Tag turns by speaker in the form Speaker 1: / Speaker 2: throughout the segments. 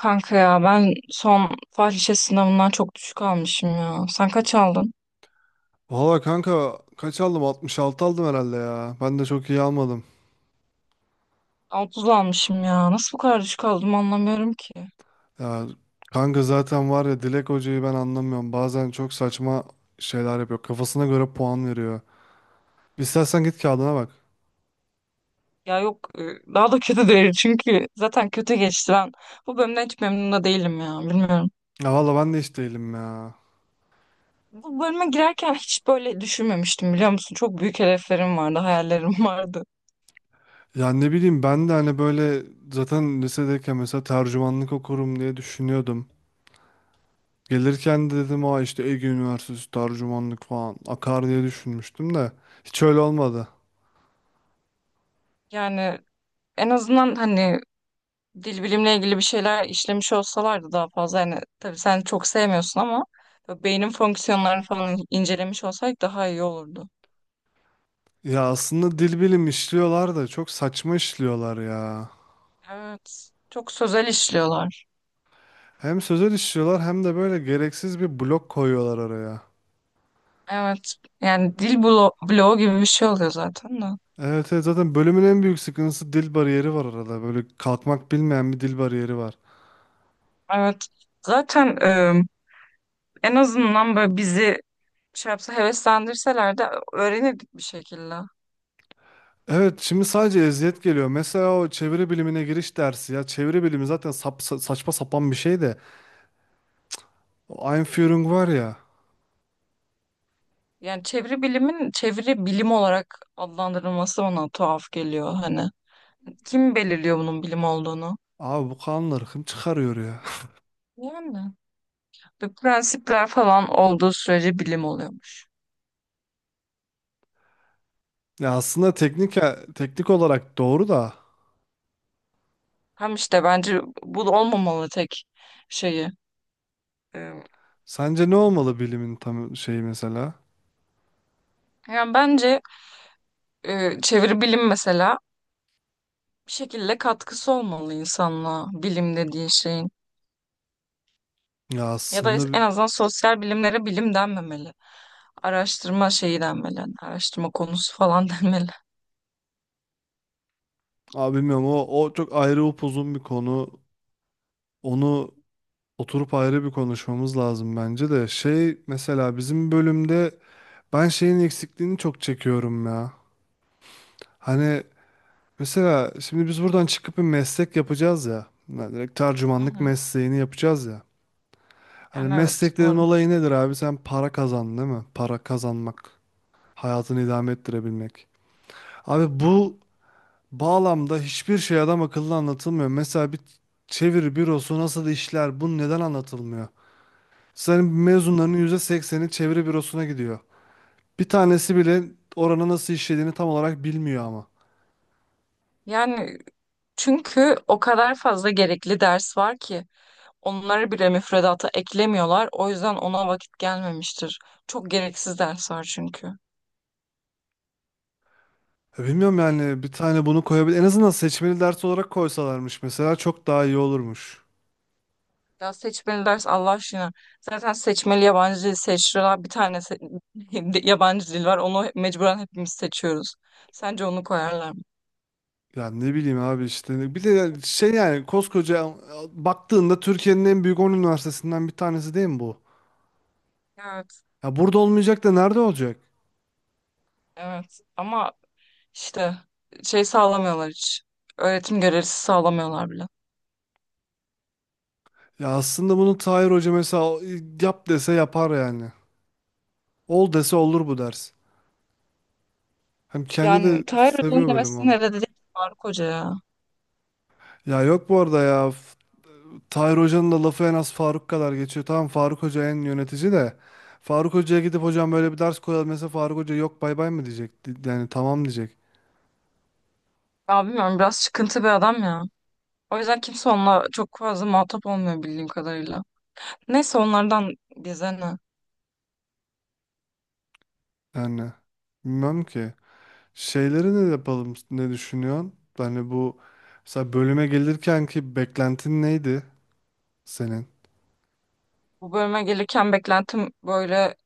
Speaker 1: Kanka ya ben son fahişe sınavından çok düşük almışım ya. Sen kaç aldın?
Speaker 2: Valla kanka kaç aldım? 66 aldım herhalde ya. Ben de çok iyi almadım.
Speaker 1: 30 almışım ya. Nasıl bu kadar düşük aldım anlamıyorum ki.
Speaker 2: Ya kanka zaten var ya Dilek Hoca'yı ben anlamıyorum. Bazen çok saçma şeyler yapıyor. Kafasına göre puan veriyor. İstersen git kağıdına bak.
Speaker 1: Ya yok daha da kötü değil çünkü zaten kötü geçti ben. Bu bölümden hiç memnun da değilim ya bilmiyorum.
Speaker 2: Ya valla ben de hiç değilim ya.
Speaker 1: Bu bölüme girerken hiç böyle düşünmemiştim biliyor musun? Çok büyük hedeflerim vardı, hayallerim vardı.
Speaker 2: Ya ne bileyim ben de hani böyle zaten lisedeyken mesela tercümanlık okurum diye düşünüyordum. Gelirken de dedim işte Ege Üniversitesi tercümanlık falan akar diye düşünmüştüm de hiç öyle olmadı.
Speaker 1: Yani en azından hani dil bilimle ilgili bir şeyler işlemiş olsalardı daha fazla hani tabii sen çok sevmiyorsun ama böyle beynin fonksiyonlarını falan incelemiş olsaydık daha iyi olurdu.
Speaker 2: Ya aslında dil bilim işliyorlar da çok saçma işliyorlar ya.
Speaker 1: Evet. Çok sözel işliyorlar.
Speaker 2: Hem sözel işliyorlar hem de böyle gereksiz bir blok koyuyorlar araya.
Speaker 1: Evet. Yani dil bloğu gibi bir şey oluyor zaten de.
Speaker 2: Evet, evet zaten bölümün en büyük sıkıntısı dil bariyeri var arada. Böyle kalkmak bilmeyen bir dil bariyeri var.
Speaker 1: Evet. Zaten en azından böyle bizi şey yapsa heveslendirseler de öğrenirdik bir şekilde.
Speaker 2: Evet şimdi sadece eziyet geliyor. Mesela o çeviri bilimine giriş dersi ya. Çeviri bilimi zaten saçma sapan bir şey de. O Einführung var ya.
Speaker 1: Yani çeviri bilimin çeviri bilim olarak adlandırılması bana tuhaf geliyor hani. Kim belirliyor bunun bilim olduğunu?
Speaker 2: Abi bu kanlar çıkarıyor ya.
Speaker 1: Yani. Ve prensipler falan olduğu sürece bilim oluyormuş.
Speaker 2: Ya aslında teknik olarak doğru da.
Speaker 1: Hem işte bence bu da olmamalı tek şeyi. Ee,
Speaker 2: Sence ne olmalı bilimin tam şeyi mesela?
Speaker 1: Yani bence çeviri bilim mesela bir şekilde katkısı olmalı insanlığa bilim dediğin şeyin.
Speaker 2: Ya
Speaker 1: Ya da
Speaker 2: aslında
Speaker 1: en azından sosyal bilimlere bilim denmemeli. Araştırma şeyi denmeli. Yani araştırma konusu falan denmeli.
Speaker 2: abi bilmiyorum o çok ayrı upuzun bir konu. Onu oturup ayrı bir konuşmamız lazım bence de. Şey mesela bizim bölümde ben şeyin eksikliğini çok çekiyorum ya. Hani mesela şimdi biz buradan çıkıp bir meslek yapacağız ya. Yani direkt
Speaker 1: Hı
Speaker 2: tercümanlık
Speaker 1: hı.
Speaker 2: mesleğini yapacağız ya. Hani
Speaker 1: Yani evet
Speaker 2: mesleklerin
Speaker 1: umarım.
Speaker 2: olayı nedir abi? Sen para kazan değil mi? Para kazanmak. Hayatını idame ettirebilmek. Abi bu bağlamda hiçbir şey adam akıllı anlatılmıyor. Mesela bir çeviri bürosu nasıl işler, bu neden anlatılmıyor? Senin mezunlarının %80'i çeviri bürosuna gidiyor. Bir tanesi bile oranın nasıl işlediğini tam olarak bilmiyor ama.
Speaker 1: Yani çünkü o kadar fazla gerekli ders var ki. Onları bile müfredata eklemiyorlar. O yüzden ona vakit gelmemiştir. Çok gereksiz ders var çünkü.
Speaker 2: Ya bilmiyorum yani bir tane bunu koyabilir. En azından seçmeli ders olarak koysalarmış mesela çok daha iyi olurmuş.
Speaker 1: Ya seçmeli ders Allah aşkına. Zaten seçmeli yabancı dil seçtiler. Yabancı dil var. Onu mecburen hepimiz seçiyoruz. Sence onu koyarlar mı?
Speaker 2: Yani ne bileyim abi işte. Bir de yani şey yani koskoca baktığında Türkiye'nin en büyük 10 üniversitesinden bir tanesi değil mi bu?
Speaker 1: Evet.
Speaker 2: Ya burada olmayacak da nerede olacak?
Speaker 1: Evet. Ama işte şey sağlamıyorlar hiç. Öğretim görevlisi sağlamıyorlar bile.
Speaker 2: Ya aslında bunu Tahir Hoca mesela yap dese yapar yani. Ol dese olur bu ders. Hem kendi
Speaker 1: Yani
Speaker 2: de
Speaker 1: Tahir Hoca'nın
Speaker 2: seviyor bölüm
Speaker 1: demesi
Speaker 2: abi.
Speaker 1: ne dedi? Faruk Hoca ya.
Speaker 2: Ya yok bu arada ya. Tahir Hoca'nın da lafı en az Faruk kadar geçiyor. Tamam Faruk Hoca en yönetici de. Faruk Hoca'ya gidip hocam böyle bir ders koyalım mesela Faruk Hoca yok bay bay mı diyecek. Yani tamam diyecek.
Speaker 1: Ya bilmiyorum biraz çıkıntı bir adam ya. O yüzden kimse onunla çok fazla muhatap olmuyor bildiğim kadarıyla. Neyse onlardan bize ne?
Speaker 2: Yani bilmem ki. Şeyleri ne yapalım, ne düşünüyorsun? Yani bu mesela bölüme gelirken ki beklentin neydi senin?
Speaker 1: Bu bölüme gelirken beklentim böyle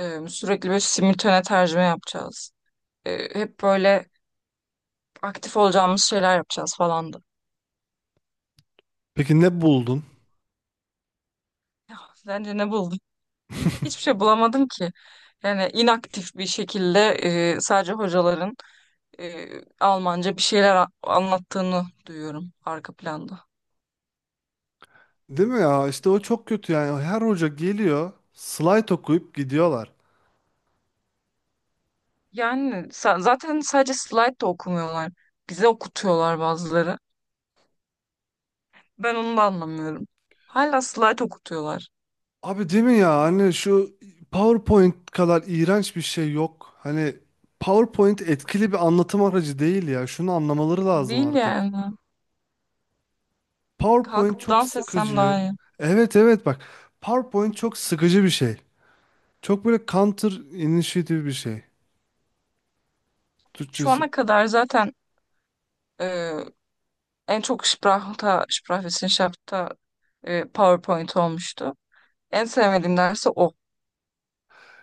Speaker 1: sürekli böyle simultane tercüme yapacağız. Hep böyle aktif olacağımız şeyler yapacağız falandı.
Speaker 2: Peki ne buldun?
Speaker 1: Ya, sence ne buldun? Hiçbir şey bulamadım ki. Yani inaktif bir şekilde sadece hocaların e, Almanca bir şeyler anlattığını duyuyorum arka planda.
Speaker 2: Değil mi ya? İşte o çok kötü yani. Her hoca geliyor, slide okuyup gidiyorlar.
Speaker 1: Yani zaten sadece slide de okumuyorlar. Bize okutuyorlar bazıları. Ben onu da anlamıyorum. Hala slide okutuyorlar.
Speaker 2: Abi değil mi ya? Hani şu PowerPoint kadar iğrenç bir şey yok. Hani PowerPoint etkili bir anlatım aracı değil ya. Şunu anlamaları lazım
Speaker 1: Değil
Speaker 2: artık.
Speaker 1: yani.
Speaker 2: PowerPoint
Speaker 1: Kalkıp
Speaker 2: çok
Speaker 1: dans etsem
Speaker 2: sıkıcı.
Speaker 1: daha iyi.
Speaker 2: Evet evet bak. PowerPoint çok sıkıcı bir şey. Çok böyle counter initiative bir şey.
Speaker 1: Şu
Speaker 2: Türkçesi.
Speaker 1: ana kadar zaten e, en çok Sprach'ta, Sprachwissenschaft'ta PowerPoint olmuştu. En sevmediğim dersi o.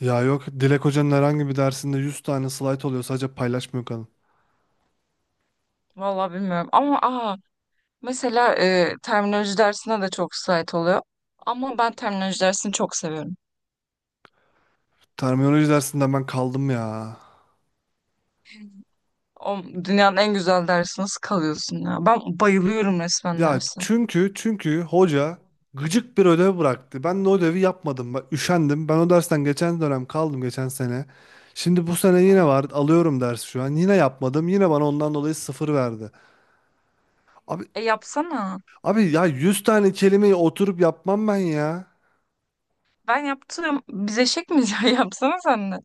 Speaker 2: Ya yok Dilek Hoca'nın herhangi bir dersinde 100 tane slide oluyor, sadece paylaşmıyor kadın.
Speaker 1: Vallahi bilmiyorum. Ama mesela terminoloji dersine de çok slayt oluyor. Ama ben terminoloji dersini çok seviyorum.
Speaker 2: Terminoloji dersinden ben kaldım ya.
Speaker 1: O dünyanın en güzel dersi nasıl kalıyorsun ya? Ben bayılıyorum resmen
Speaker 2: Ya
Speaker 1: dersi.
Speaker 2: çünkü hoca gıcık bir ödev bıraktı. Ben de o ödevi yapmadım. Ben üşendim. Ben o dersten geçen dönem kaldım, geçen sene. Şimdi bu sene
Speaker 1: Hı
Speaker 2: yine
Speaker 1: hı.
Speaker 2: var. Alıyorum ders şu an. Yine yapmadım. Yine bana ondan dolayı sıfır verdi. Abi
Speaker 1: E yapsana.
Speaker 2: abi ya 100 tane kelimeyi oturup yapmam ben ya.
Speaker 1: Ben yaptım. Biz eşek miyiz ya? Yapsana sen de.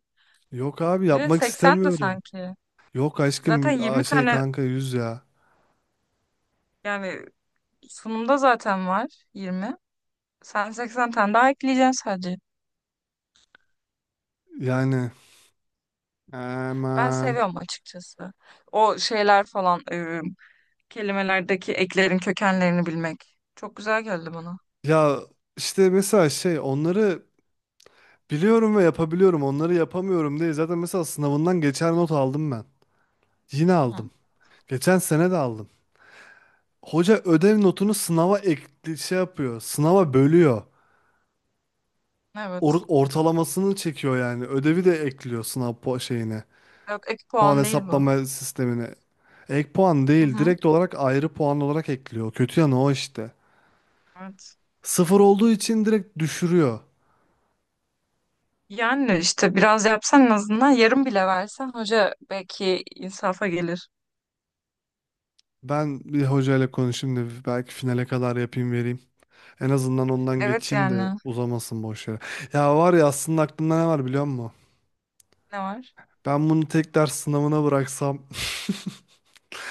Speaker 2: Yok abi
Speaker 1: Bir de
Speaker 2: yapmak
Speaker 1: 80 de
Speaker 2: istemiyorum.
Speaker 1: sanki.
Speaker 2: Yok
Speaker 1: Zaten
Speaker 2: aşkım. Aa,
Speaker 1: 20
Speaker 2: şey
Speaker 1: tane
Speaker 2: kanka yüz ya.
Speaker 1: yani sunumda zaten var 20. Sen 80 tane daha ekleyeceksin sadece.
Speaker 2: Yani
Speaker 1: Ben
Speaker 2: aman.
Speaker 1: seviyorum açıkçası. O şeyler falan kelimelerdeki eklerin kökenlerini bilmek. Çok güzel geldi bana.
Speaker 2: Ya işte mesela şey onları biliyorum ve yapabiliyorum. Onları yapamıyorum diye zaten mesela sınavından geçer not aldım ben. Yine
Speaker 1: Hı-hı.
Speaker 2: aldım. Geçen sene de aldım. Hoca ödev notunu sınava ekli şey yapıyor. Sınava bölüyor.
Speaker 1: Evet.
Speaker 2: Ortalamasını çekiyor yani. Ödevi de ekliyor sınav şeyine.
Speaker 1: Yok ek
Speaker 2: Puan
Speaker 1: puan değil bu.
Speaker 2: hesaplama sistemine. Ek puan değil,
Speaker 1: Hı-hı.
Speaker 2: direkt olarak ayrı puan olarak ekliyor. Kötü yanı o işte.
Speaker 1: Evet.
Speaker 2: Sıfır olduğu için direkt düşürüyor.
Speaker 1: Yani işte biraz yapsan en azından yarım bile versen hoca belki insafa gelir.
Speaker 2: Ben bir hocayla konuşayım da belki finale kadar yapayım vereyim. En azından ondan
Speaker 1: Evet
Speaker 2: geçeyim de
Speaker 1: yani.
Speaker 2: uzamasın boş yere. Ya var ya, aslında aklımda ne var biliyor musun?
Speaker 1: Ne var?
Speaker 2: Ben bunu tek ders sınavına bıraksam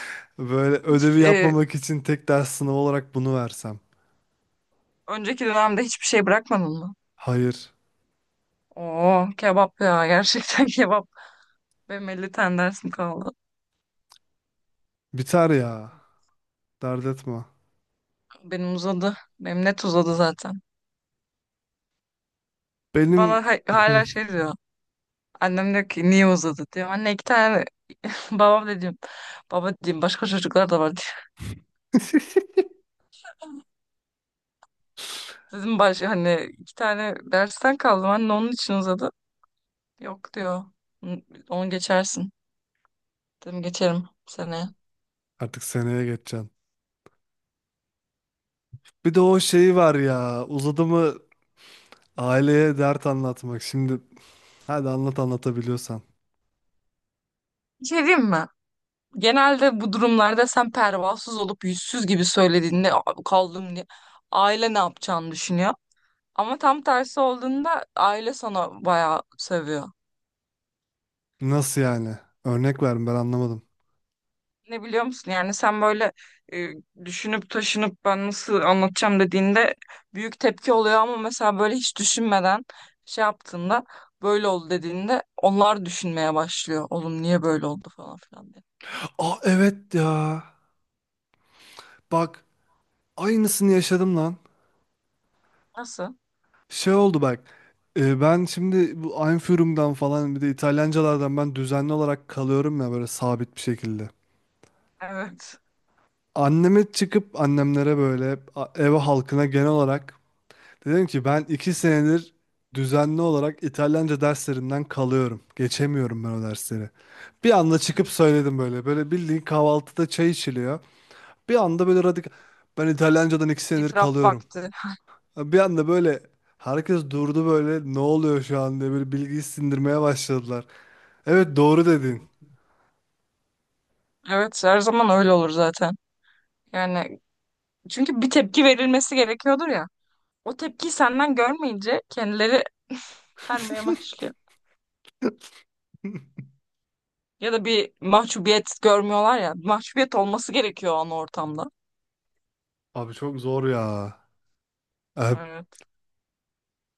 Speaker 2: böyle
Speaker 1: Hiç
Speaker 2: ödevi yapmamak için tek ders sınavı olarak bunu versem.
Speaker 1: önceki dönemde hiçbir şey bırakmadın mı?
Speaker 2: Hayır.
Speaker 1: Oo kebap ya gerçekten kebap. Benim 50 tane dersim kaldı.
Speaker 2: Biter ya. Dert etme.
Speaker 1: Benim uzadı. Benim net uzadı zaten.
Speaker 2: Benim
Speaker 1: Bana hala şey diyor. Annem diyor ki niye uzadı diyor. Anne iki tane babam da diyorum. Baba diyeyim başka çocuklar da var diyor. Dedim hani iki tane dersten kaldım anne onun için uzadı. Yok diyor. "Hı, onu geçersin. Dedim geçerim seneye.
Speaker 2: artık seneye geçeceğim. Bir de o şeyi var ya. Uzadı mı aileye dert anlatmak. Şimdi hadi anlat anlatabiliyorsan.
Speaker 1: Bir şey diyeyim mi? Genelde bu durumlarda sen pervasız olup yüzsüz gibi söylediğinde "Aa, kaldım diye aile ne yapacağını düşünüyor. Ama tam tersi olduğunda aile sana bayağı seviyor.
Speaker 2: Nasıl yani? Örnek verin, ben anlamadım.
Speaker 1: Ne biliyor musun? Yani sen böyle e, düşünüp taşınıp ben nasıl anlatacağım dediğinde büyük tepki oluyor ama mesela böyle hiç düşünmeden şey yaptığında böyle oldu dediğinde onlar düşünmeye başlıyor. Oğlum niye böyle oldu falan filan diye.
Speaker 2: Aa evet ya. Bak, aynısını yaşadım lan.
Speaker 1: Nasıl?
Speaker 2: Şey oldu bak. Ben şimdi bu Einführung'dan falan bir de İtalyancalardan ben düzenli olarak kalıyorum ya, böyle sabit bir şekilde.
Speaker 1: Evet.
Speaker 2: Anneme çıkıp annemlere, böyle ev halkına genel olarak dedim ki ben 2 senedir düzenli olarak İtalyanca derslerinden kalıyorum. Geçemiyorum ben o dersleri. Bir anda çıkıp söyledim böyle. Böyle bildiğin kahvaltıda çay içiliyor. Bir anda böyle radikal. Ben İtalyancadan 2 senedir
Speaker 1: İtiraf
Speaker 2: kalıyorum.
Speaker 1: vakti.
Speaker 2: Bir anda böyle herkes durdu, böyle ne oluyor şu an diye böyle bilgiyi sindirmeye başladılar. Evet, doğru dedin.
Speaker 1: Evet her zaman öyle olur zaten. Yani çünkü bir tepki verilmesi gerekiyordur ya. O tepkiyi senden görmeyince kendileri vermeye başlıyor. Ya da bir mahcubiyet görmüyorlar ya. Mahcubiyet olması gerekiyor o an ortamda.
Speaker 2: Abi çok zor ya. Ee,
Speaker 1: Evet,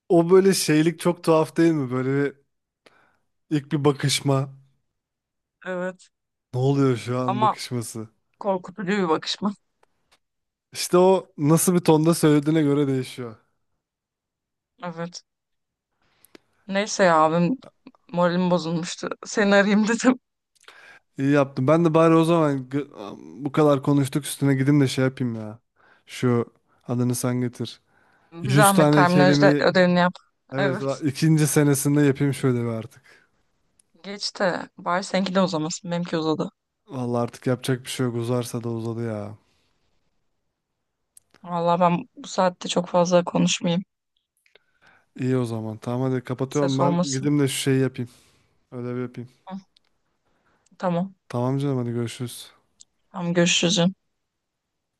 Speaker 2: O böyle şeylik çok tuhaf değil mi? Böyle ilk bir bakışma.
Speaker 1: evet.
Speaker 2: Ne oluyor şu an
Speaker 1: Ama
Speaker 2: bakışması?
Speaker 1: korkutucu bir bakışma.
Speaker 2: İşte o nasıl bir tonda söylediğine göre değişiyor.
Speaker 1: Evet. Neyse ya abim moralim bozulmuştu. Seni arayayım dedim.
Speaker 2: İyi yaptım. Ben de bari o zaman bu kadar konuştuk, üstüne gideyim de şey yapayım ya. Şu adını sen getir.
Speaker 1: Bir
Speaker 2: 100
Speaker 1: zahmet
Speaker 2: tane
Speaker 1: terminolojide
Speaker 2: kelime.
Speaker 1: ödevini yap.
Speaker 2: Evet
Speaker 1: Evet.
Speaker 2: ikinci senesinde yapayım şöyle bir artık.
Speaker 1: Geç de bari seninki de uzamasın. Benimki uzadı.
Speaker 2: Vallahi artık yapacak bir şey yok. Uzarsa da uzadı ya.
Speaker 1: Vallahi ben bu saatte çok fazla konuşmayayım.
Speaker 2: İyi o zaman. Tamam hadi kapatıyorum
Speaker 1: Ses
Speaker 2: ben.
Speaker 1: olmasın.
Speaker 2: Gideyim de şu şeyi yapayım. Ödevi yapayım.
Speaker 1: Hı, tamam.
Speaker 2: Tamam canım, hadi görüşürüz.
Speaker 1: Tamam görüşürüz canım.